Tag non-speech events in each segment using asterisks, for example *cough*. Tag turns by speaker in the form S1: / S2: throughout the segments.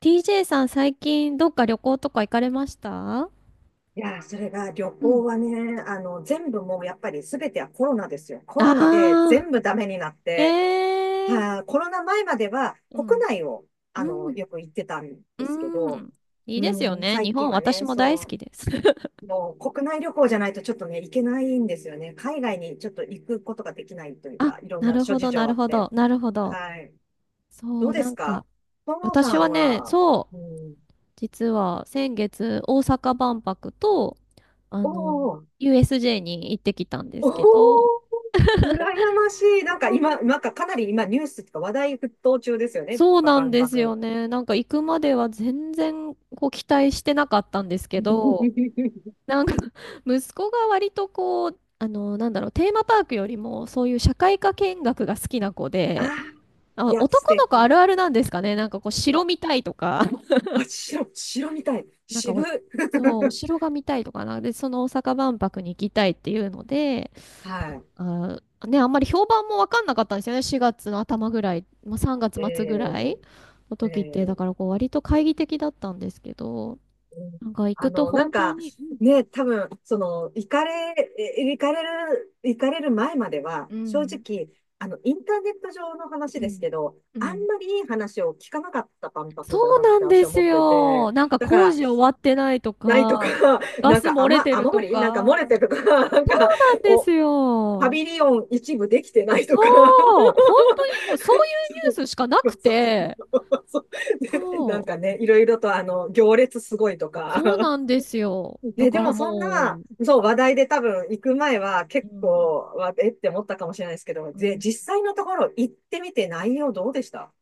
S1: TJ さん、最近どっか旅行とか行かれました？
S2: いやー、それが旅
S1: うん、
S2: 行はね、全部もうやっぱり全てはコロナですよ。コロナで
S1: あ
S2: 全部ダメになっ
S1: ー、
S2: て、
S1: ええ
S2: はーコロナ前までは
S1: う
S2: 国
S1: ん、
S2: 内を、
S1: うん、
S2: よく行ってたんですけ
S1: う
S2: ど、
S1: ん。いい
S2: う
S1: ですよ
S2: ん、
S1: ね。日
S2: 最近
S1: 本、
S2: は
S1: 私
S2: ね、
S1: も大
S2: そ
S1: 好きです。*laughs*
S2: う、もう国内旅行じゃないとちょっとね、行けないんですよね。海外にちょっと行くことができないという
S1: あ、
S2: か、いろん
S1: な
S2: な
S1: る
S2: 諸
S1: ほ
S2: 事
S1: ど、な
S2: 情あ
S1: る
S2: っ
S1: ほ
S2: て。
S1: ど、なるほど。
S2: はい。ど
S1: そ
S2: う
S1: う、
S2: で
S1: な
S2: す
S1: ん
S2: か
S1: か、
S2: ともさ
S1: 私
S2: ん
S1: はね、
S2: は。
S1: そう、
S2: うん。
S1: 実は先月、大阪万博と、あ
S2: お
S1: の、
S2: ー。
S1: USJ に行ってきたんで
S2: おー、
S1: すけど、
S2: 羨ましい。なんか今、かなり今ニュースとか話題沸騰中ですよね。
S1: そう
S2: パ
S1: な
S2: パ
S1: ん
S2: ン
S1: で
S2: パ
S1: す
S2: ク。
S1: よね。なんか行くまでは全然こう期待してなかったんですけど、
S2: *laughs*
S1: なんか *laughs* 息子が割とこう、なんだろう、テーマパークよりもそういう社会科見学が好きな子
S2: あ
S1: で、
S2: あ、い
S1: あ、
S2: や、素
S1: 男の子あ
S2: 敵。
S1: るあるなんですかね。なんかこう、城
S2: あ、
S1: 見たいとか、*laughs*
S2: あ、白、白みたい。
S1: なんか
S2: 渋。
S1: お、
S2: *laughs*
S1: そう、お城が見たいとかな。で、その大阪万博に行きたいっていうので、な
S2: は
S1: んか、ね、あんまり評判もわかんなかったんですよね。4月の頭ぐらい、まあ、3月
S2: い。
S1: 末ぐ
S2: え
S1: らいの
S2: ー、え
S1: 時って、だ
S2: ー、
S1: からこう、割と懐疑的だったんですけど、
S2: うん。
S1: なんか行く
S2: あ
S1: と
S2: の、なん
S1: 本当
S2: か、
S1: に、うん、
S2: ね、多分、その、行かれる前までは、
S1: う
S2: 正
S1: ん、
S2: 直、インターネット上の
S1: う
S2: 話です
S1: ん、
S2: けど、
S1: う
S2: あん
S1: ん。
S2: まりいい話を聞かなかった万
S1: そ
S2: 博だ
S1: う
S2: なっ
S1: な
S2: て
S1: ん
S2: 私
S1: で
S2: は
S1: す
S2: 思って
S1: よ。
S2: て、
S1: なんか
S2: だか
S1: 工
S2: ら、
S1: 事終わってないと
S2: ないとか、
S1: か、
S2: *laughs*
S1: ガ
S2: なん
S1: ス
S2: か
S1: 漏れてる
S2: 雨漏
S1: と
S2: りなんか漏れ
S1: か。
S2: てるとか、*laughs* なんか、
S1: なんです
S2: お、パ
S1: よ。
S2: ビリオン一部できてないと
S1: そ
S2: か。
S1: う、本
S2: *laughs*
S1: 当にもうそういうニュースしかな
S2: そ
S1: く
S2: うそう
S1: て、
S2: そうそうで。 *laughs* なん
S1: そ
S2: かね、いろいろと行列すごいと
S1: う、そう
S2: か。
S1: なんですよ。
S2: *laughs*
S1: だ
S2: で、で
S1: から
S2: もそんな、
S1: も
S2: そう、話題で多分行く前は
S1: う、
S2: 結
S1: う
S2: 構、
S1: ん、
S2: わえって思ったかもしれないですけど、
S1: う
S2: で、
S1: ん、
S2: 実際のところ行ってみて内容どうでした？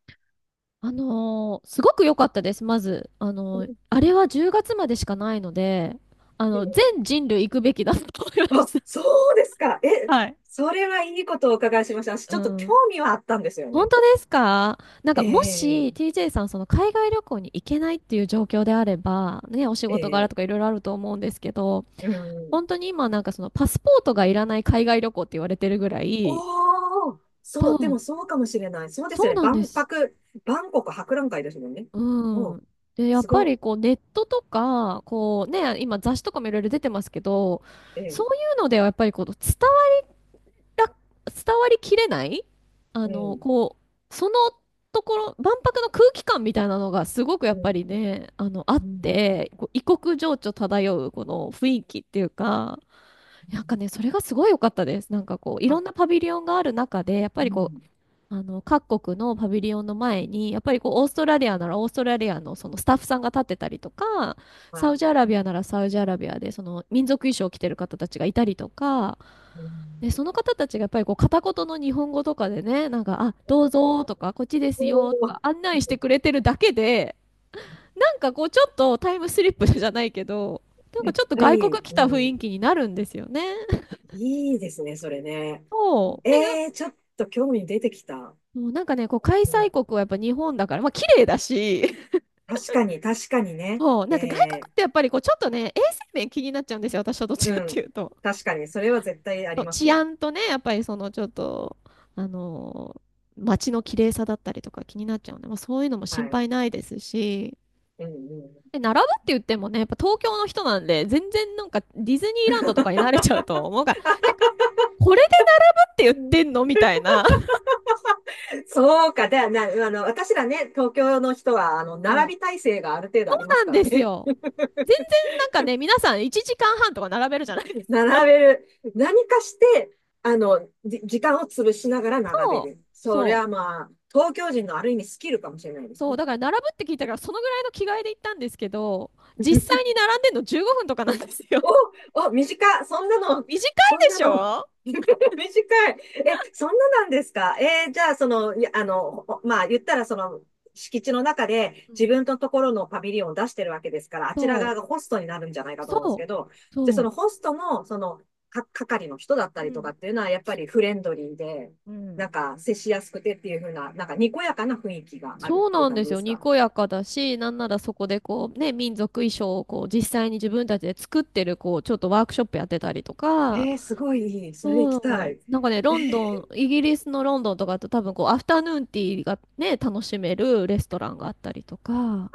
S1: すごく良かったです、まず。あれは10月までしかないので、全人類行くべきだと思いま
S2: あ、
S1: し
S2: そうですか。
S1: た。*laughs*
S2: え、
S1: はい。
S2: それはいいことをお伺いしました。私
S1: う
S2: ちょっと興
S1: ん。
S2: 味はあったんですよ
S1: 本
S2: ね。
S1: 当ですか？なん
S2: え
S1: かも
S2: え、
S1: し TJ さんその海外旅行に行けないっていう状況であれば、ね、お仕
S2: え
S1: 事柄
S2: え、
S1: とかいろいろあると思うんですけど、
S2: うん。
S1: 本当に今なんかそのパスポートがいらない海外旅行って言われてるぐらい、
S2: おー、そ
S1: そ
S2: う、で
S1: う、
S2: もそうかもしれない。そうです
S1: そ
S2: よ
S1: う
S2: ね。
S1: なんで
S2: 万
S1: す。
S2: 博、万国博覧会ですもんね。お
S1: う
S2: う、
S1: ん。で、やっ
S2: す
S1: ぱ
S2: ご、
S1: りこうネットとか、こうね、今雑誌とかもいろいろ出てますけど、
S2: え
S1: そ
S2: え、
S1: ういうのではやっぱりこうら伝わりきれない
S2: うん、
S1: こう、そのところ、万博の空気感みたいなのがすごくや
S2: う
S1: っぱ
S2: ん、
S1: りね、あっ
S2: うん。
S1: て、こう異国情緒漂うこの雰囲気っていうか、なんかね、それがすごい良かったです。なんかこう、いろ
S2: あ、
S1: んなパビリオンがある中で、やっぱ
S2: う
S1: りこう、
S2: ん、
S1: 各国のパビリオンの前に、やっぱりこう、オーストラリアならオーストラリアのそのスタッフさんが立ってたりとか、
S2: は
S1: サウ
S2: い。
S1: ジアラビアならサウジアラビアで、その民族衣装を着てる方たちがいたりとか、
S2: う
S1: で、
S2: ん。
S1: その方たちがやっぱりこう片言の日本語とかでね、なんか、あ、どうぞとか、こっちです
S2: お
S1: よとか
S2: ー、
S1: 案内してくれてるだけで、なんかこうちょっとタイムスリップじゃないけど、なんか
S2: 絶
S1: ちょっと
S2: 対い
S1: 外国
S2: い、
S1: 来た
S2: う
S1: 雰囲
S2: ん。
S1: 気になるんですよね。
S2: いいですね、それね。
S1: そう。だけ
S2: ええ、ちょっと興味出てきた。
S1: ど、もうなんかね、こう開
S2: うん、
S1: 催国はやっぱ日本だから、まあ綺麗だし、
S2: 確かに、確かにね。
S1: そう、な
S2: え
S1: んか外国
S2: え、
S1: ってやっぱりこうちょっとね、衛生面気になっちゃうんですよ、私はどっち
S2: う
S1: かってい
S2: ん。
S1: うと。
S2: 確かに、それは絶対あ
S1: そ
S2: り
S1: う
S2: ます
S1: 治
S2: よ。
S1: 安とね、やっぱりそのちょっと、あのー街の綺麗さだったりとか気になっちゃうので、まあ、そういうのも
S2: は
S1: 心
S2: い。
S1: 配ないですし、
S2: うん、
S1: で、並ぶって言ってもね、やっぱ東京の人なんで、全然なんかディズニー
S2: うん。
S1: ランドと
S2: *laughs*
S1: かに慣れちゃうと思うから、え、これでって言ってんのみたいな。
S2: そうか。で、な、私らね、東京の人は、
S1: そ
S2: 並び体制がある程度あり
S1: う
S2: ま
S1: な
S2: す
S1: ん
S2: から
S1: です
S2: ね。
S1: よ。全然なんかね、皆さん1時間半とか並べるじゃないで
S2: *laughs*
S1: すか。
S2: 並べる。何かして、時間を潰しながら並べ
S1: そ
S2: る。
S1: う、
S2: それ
S1: そ
S2: はまあ、東京人のある意味スキルかもしれないで
S1: う、
S2: す
S1: そう、
S2: ね。
S1: だから並ぶって聞いたから、そのぐらいの着替えで行ったんですけど、実
S2: *laughs*
S1: 際に並んでんの15分とかなんですよ。*laughs*
S2: お、お、短い。そんなの、
S1: 短い
S2: そん
S1: で
S2: な
S1: し
S2: の、
S1: ょ？
S2: *laughs* 短い。え、そんななんですか？えー、じゃあ、その、いや、まあ、言ったら、その、敷地の中で
S1: う
S2: 自
S1: ん。
S2: 分のところのパビリオンを出してるわけですから、あちら
S1: そ
S2: 側がホストになるんじゃない
S1: う、
S2: かと思うんです
S1: そ
S2: けど、
S1: う、
S2: で、その
S1: そ
S2: ホストの、その、係の人だった
S1: う。
S2: り
S1: う
S2: とか
S1: ん。
S2: っていうのは、やっぱりフレンドリーで、
S1: う
S2: な
S1: ん。
S2: んか、接しやすくてっていう風な、なんか、にこやかな雰囲気があるっ
S1: そう
S2: てい
S1: な
S2: う
S1: ん
S2: 感
S1: で
S2: じ
S1: す
S2: で
S1: よ。
S2: す
S1: に
S2: か？
S1: こやかだし、なんならそこでこうね、民族衣装をこう実際に自分たちで作ってるこう、ちょっとワークショップやってたりとか、
S2: えー、すごいいい。それ行き
S1: そ
S2: た
S1: う、
S2: い。
S1: なんかね、
S2: え、
S1: ロンドン、イギリスのロンドンとかだと多分こう、アフタヌーンティーがね、楽しめるレストランがあったりとか、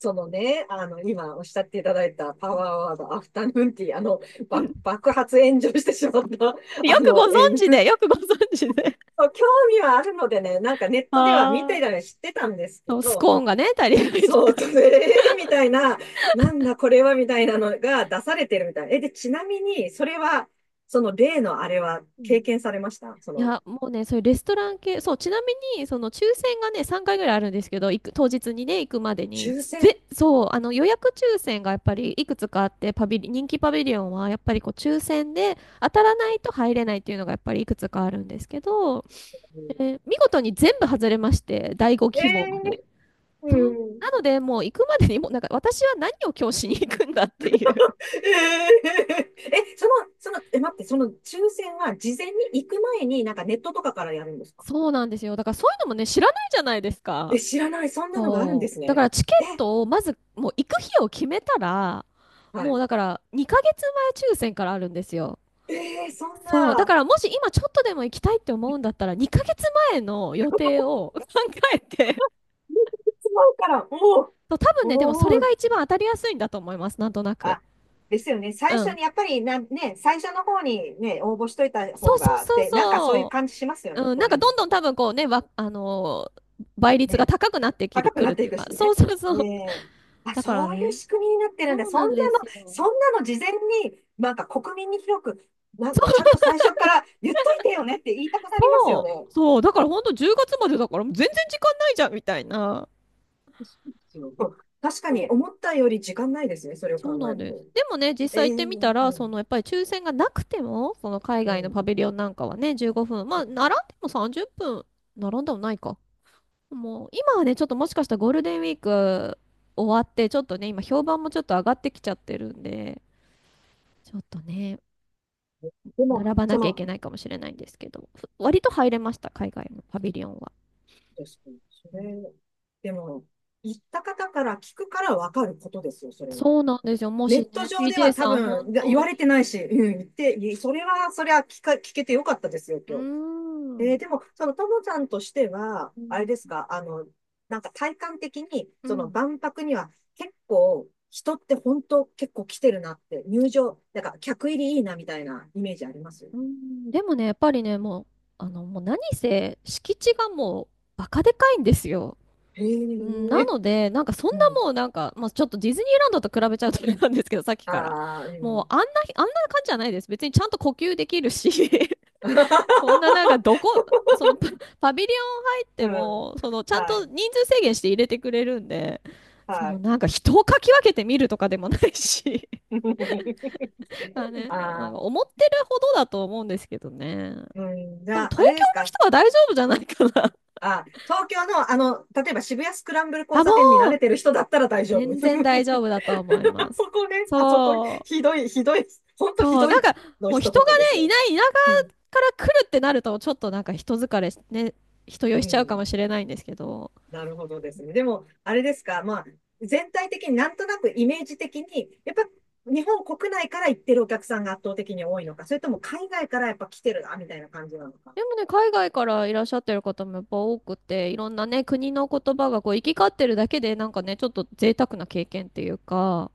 S2: そのね、今おっしゃっていただいたパワーワード、アフタヌーンティー、
S1: うん。
S2: 爆発炎上してしまった、*laughs*
S1: よくご存
S2: え、
S1: 知で、よくご存知で。
S2: そう興味はあるのでね、なんかネッ
S1: *laughs*
S2: トでは見
S1: あ
S2: て
S1: あ。
S2: たり知ってたんですけ
S1: そうス
S2: ど、
S1: コーンがね、足りないと
S2: そう、
S1: か。
S2: と、えー、 *laughs* みたいな、なんだこれはみたいなのが出されてるみたい。え、で、ちなみに、それは、その例のあれは経験されました？そ
S1: い
S2: の、
S1: や、もうね、そういうレストラン系、そう、ちなみに、その抽選がね、3回ぐらいあるんですけど、当日にね、行くまでに、
S2: 抽選
S1: そう、予約抽選がやっぱりいくつかあって、パビリ、人気パビリオンはやっぱりこう抽選で当たらないと入れないっていうのがやっぱりいくつかあるんですけど、見事に全部外れまして、第5
S2: え、
S1: 希望まで。
S2: えー、
S1: そう。
S2: うん。
S1: なので、もう行くまでにもうなんか私は何を今日しに行くんだっていう。
S2: *laughs* え、その、その、え、待って、その抽選は事前に行く前になんかネットとかからやるんですか？
S1: そうなんですよ。だからそういうのもね、知らないじゃないです
S2: え、
S1: か。
S2: 知らない。そんなのがあるんで
S1: そう。
S2: す
S1: だか
S2: ね。
S1: らチケ
S2: え、
S1: ットをまずもう行く日を決めたら、
S2: は
S1: もう
S2: い。
S1: だから2ヶ月前抽選からあるんですよ。
S2: えー、そん
S1: そう。だ
S2: な、
S1: か
S2: *laughs*
S1: らもし今ちょっとでも行きたいって思うんだったら2ヶ月前の予定を *laughs* 考えて。
S2: 使うから、おー。
S1: そう、多分ね、でもそ
S2: お
S1: れ
S2: ー、
S1: が一番当たりやすいんだと思います。なんとなく。
S2: あ、ですよね。最
S1: う
S2: 初
S1: ん。
S2: に、やっぱりな、ね、最初の方にね、応募しといた
S1: そ
S2: 方
S1: うそう
S2: が、
S1: そう
S2: で、なんかそういう
S1: そ
S2: 感じしますよね。
S1: う。うん。な
S2: そ
S1: ん
S2: うい
S1: か
S2: う
S1: ど
S2: のっ
S1: んどん
S2: て。
S1: 多分こうね、倍率が
S2: ね。
S1: 高くなってきる、
S2: 高く
S1: く
S2: な
S1: る
S2: っ
S1: っ
S2: て
S1: て
S2: い
S1: いう
S2: く
S1: か。
S2: し
S1: そう
S2: ね。
S1: そう
S2: え
S1: そう。
S2: え、あ、
S1: だから
S2: そういう
S1: ね。
S2: 仕組みになってるんだ。
S1: そう
S2: そん
S1: な
S2: な
S1: んです
S2: の、
S1: よ。
S2: そんなの事前に、なんか国民に広く、な、ちゃんと最初から言っといてよねって言いたくなりますよ
S1: そ
S2: ね。
S1: う、そう、だから本当10月までだからもう全然時間ないじゃんみたいな。
S2: そうですよ。確か
S1: そ
S2: に
S1: う、
S2: 思ったより時間ないですね、それを
S1: そう
S2: 考
S1: な
S2: え
S1: ん
S2: る
S1: です。
S2: と。
S1: でもね、実
S2: え
S1: 際行
S2: え、
S1: っ
S2: う
S1: てみた
S2: ん、
S1: ら、そのやっぱり抽選がなくても、その海外
S2: え
S1: のパビリ
S2: え、
S1: オンなんかはね、15分、まあ、並んでも30分、並んでもないか。もう、今はね、ちょっともしかしたらゴールデンウィーク終わって、ちょっとね、今評判もちょっと上がってきちゃってるんで、ちょっとね、
S2: でも、
S1: 並ばな
S2: そ
S1: きゃい
S2: の、
S1: け
S2: 確
S1: ないかもしれないんですけど、割と入れました、海外のパビリオンは。
S2: かに、そ
S1: うん。
S2: れ、でも、言った方から聞くからわかることですよ、それは。
S1: そうなんですよ。も
S2: ネ
S1: し
S2: ット
S1: ね、
S2: 上で
S1: TJ
S2: は多
S1: さん、
S2: 分
S1: 本
S2: 言
S1: 当
S2: われて
S1: に。
S2: ないし、うん、言って、それは、それは聞けてよかったですよ、
S1: うー
S2: 今日。えー、で
S1: ん、
S2: も、そのともさんとしては、
S1: う
S2: あれ
S1: ん、
S2: ですか、なんか体感的に、
S1: う
S2: その
S1: ん、
S2: 万博には結構、人って本当結構来てるなって、入場、なんか客入りいいなみたいなイメージあります？
S1: うん、でもね、やっぱりね、もう、もう何せ、敷地がもう、バカでかいんですよ。
S2: へ
S1: うん、な
S2: え、
S1: ので、なんかそんな
S2: うん。
S1: もうなんか、まあ、ちょっとディズニーランドと比べちゃうとあれなんですけど、さっきから。
S2: ああ、う
S1: もう
S2: ん。
S1: あんな感じじゃないです。別にちゃんと呼吸できるし。そんななんかど
S2: *laughs*
S1: こ、*laughs* そのパ、パビリオン入っ
S2: う
S1: て
S2: ん。
S1: も、そのちゃん
S2: は
S1: と
S2: い。
S1: 人数制限して入れてくれるんで、そ
S2: は
S1: の
S2: い。
S1: なんか人をかき分けて見るとかでもないし、*laughs* まあ
S2: *laughs*
S1: ね、なん
S2: あ
S1: か
S2: あ、
S1: 思ってるほどだと思うんですけどね。
S2: うん。じ
S1: 多分
S2: ゃあ、
S1: 東京
S2: あれです
S1: の
S2: か？
S1: 人は大丈夫じゃないかな。
S2: あ、東京の、例えば渋谷スクランブル
S1: *laughs*
S2: 交
S1: あ、も
S2: 差点に慣れ
S1: う、
S2: てる人だったら大丈夫。*laughs* あ
S1: 全然大丈夫だと思いま
S2: そ
S1: す。
S2: こね、あそこ、
S1: そ
S2: ひどい、ひどい、ほん
S1: う、
S2: とひ
S1: そう、
S2: ど
S1: なん
S2: い
S1: か
S2: の
S1: もう
S2: 一
S1: 人が
S2: 言です
S1: ね、い
S2: よ。
S1: ない田舎
S2: うん、
S1: から来るってなると、ちょっとなんか人疲れし、ね、人酔い
S2: う
S1: しちゃうか
S2: ん、
S1: もしれないんですけど、
S2: なるほどですね。でも、あれですか、まあ、全体的になんとなくイメージ的に、やっぱ日本国内から行ってるお客さんが圧倒的に多いのか、それとも海外からやっぱ来てるな、みたいな感じなのか。
S1: でもね、海外からいらっしゃってる方もやっぱ多くて、いろんなね、国の言葉がこう行き交ってるだけで、なんかね、ちょっと贅沢な経験っていうか、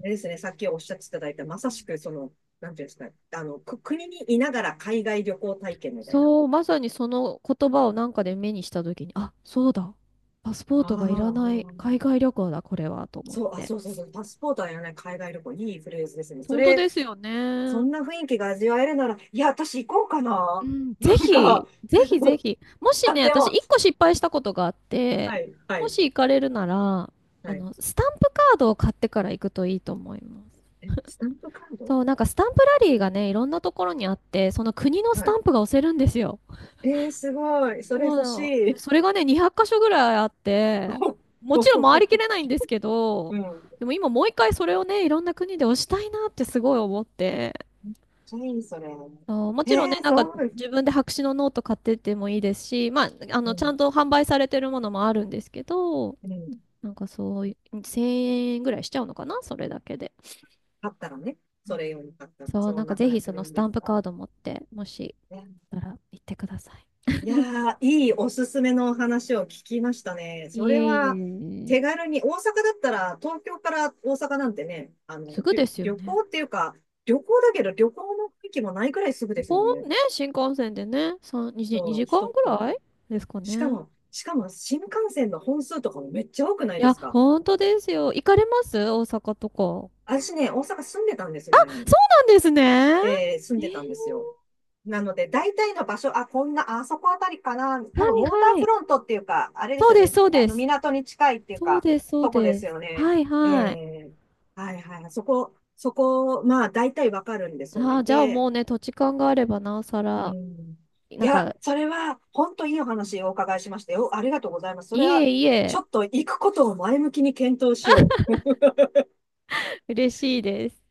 S2: ですね、さっきおっしゃっていただいた、まさしく、その、なんていうんですか、国にいながら海外旅行体験みたいな。
S1: そう、まさにその言葉をなんかで目にした時に、あ、そうだ、パスポー
S2: あ
S1: トがいらない海
S2: あ、
S1: 外旅行だ、これは、と思っ
S2: そう、あ、
S1: て。
S2: そうそうそう、パスポートはやらない海外旅行、いいフレーズですね。そ
S1: 本当
S2: れ、
S1: ですよ
S2: そ
S1: ね。
S2: んな雰囲気が味わえるなら、いや、私行こうか
S1: う
S2: な。
S1: ん、ぜ
S2: なんか
S1: ひ、ぜひぜひ。も
S2: *laughs*
S1: し
S2: あ、
S1: ね、
S2: で
S1: 私、
S2: も、
S1: 一個失敗したことがあっ
S2: は
S1: て、
S2: い、は
S1: も
S2: い、
S1: し行かれるなら、
S2: はい。
S1: スタンプカードを買ってから行くといいと思います。
S2: え、スタンプカード？
S1: そう、なんかスタンプラリーがね、いろんなところにあって、その国のス
S2: は
S1: タ
S2: い。
S1: ンプが押せるんですよ。
S2: えー、すごい。それ
S1: そう
S2: 欲
S1: な
S2: し
S1: ので
S2: い。
S1: それがね、200箇所ぐらいあって、
S2: *laughs*
S1: もちろん回りきれないんですけど、
S2: うん。
S1: でも今もう一回それをね、いろんな国で押したいなってすごい思って、
S2: めっちゃいい、それ。
S1: そうもちろんね、
S2: えー、
S1: なんか
S2: そう。
S1: 自分で白紙のノート買ってってもいいですし、まあ、
S2: う
S1: ちゃん
S2: ん、
S1: と販売されてるものもあるんですけど、
S2: うん。
S1: なんかそうい1000円ぐらいしちゃうのかな、それだけで。
S2: 買ったらね、
S1: う
S2: そ
S1: ん。
S2: れ用に買ったら、
S1: そう、
S2: そ
S1: な
S2: ん
S1: んか
S2: なく
S1: ぜ
S2: らい
S1: ひ
S2: す
S1: その
S2: る
S1: ス
S2: んで
S1: タ
S2: す
S1: ンプ
S2: か。
S1: カード持って、もし
S2: ね、
S1: たら行ってください。
S2: いやー、いいおすすめのお話を聞きましたね。そ
S1: い
S2: れ
S1: えい
S2: は、
S1: え。
S2: 手軽に、大阪だったら、東京から大阪なんてね、
S1: すぐですよ
S2: 旅
S1: ね。
S2: 行っていうか、旅行だけど旅行の雰囲気もないくらいすぐです
S1: ほ
S2: もん
S1: ん
S2: ね。
S1: ね、新幹線でね、3、2、
S2: そ
S1: 2
S2: う、
S1: 時
S2: 一
S1: 間
S2: 通
S1: ぐ
S2: り。
S1: らいですか
S2: しか
S1: ね。
S2: も、しかも新幹線の本数とかもめっちゃ多くな
S1: い
S2: いで
S1: や、
S2: すか？
S1: 本当ですよ。行かれます？大阪とか。そ
S2: 私ね、大阪住んでたんです、前に。
S1: うなんですね。え
S2: えー、住ん
S1: ー、
S2: でたんですよ。なので、大体の場所、あ、こんな、あそこあたりかな。
S1: は
S2: 多分、ウォータ
S1: い
S2: ー
S1: は
S2: フ
S1: い。
S2: ロントっていうか、あれで
S1: そ
S2: す
S1: う
S2: よ
S1: です、
S2: ね。
S1: そうです。
S2: 港に近いっていう
S1: そう
S2: か、
S1: です、そう
S2: とこです
S1: です。
S2: よね。
S1: はい
S2: え
S1: はい。
S2: え、はいはい。そこ、そこ、まあ、大体わかるんですよ
S1: あ
S2: ね。
S1: あ、じゃあ
S2: で、
S1: もうね、土地勘があればなおさ
S2: う
S1: ら、
S2: ん。い
S1: なん
S2: や、
S1: か、
S2: それは、本当いいお話をお伺いしましたよ。ありがとうございます。そ
S1: い
S2: れは、
S1: えい
S2: ち
S1: え、
S2: ょっと行くことを前向きに検討しよう。
S1: 嬉しいです。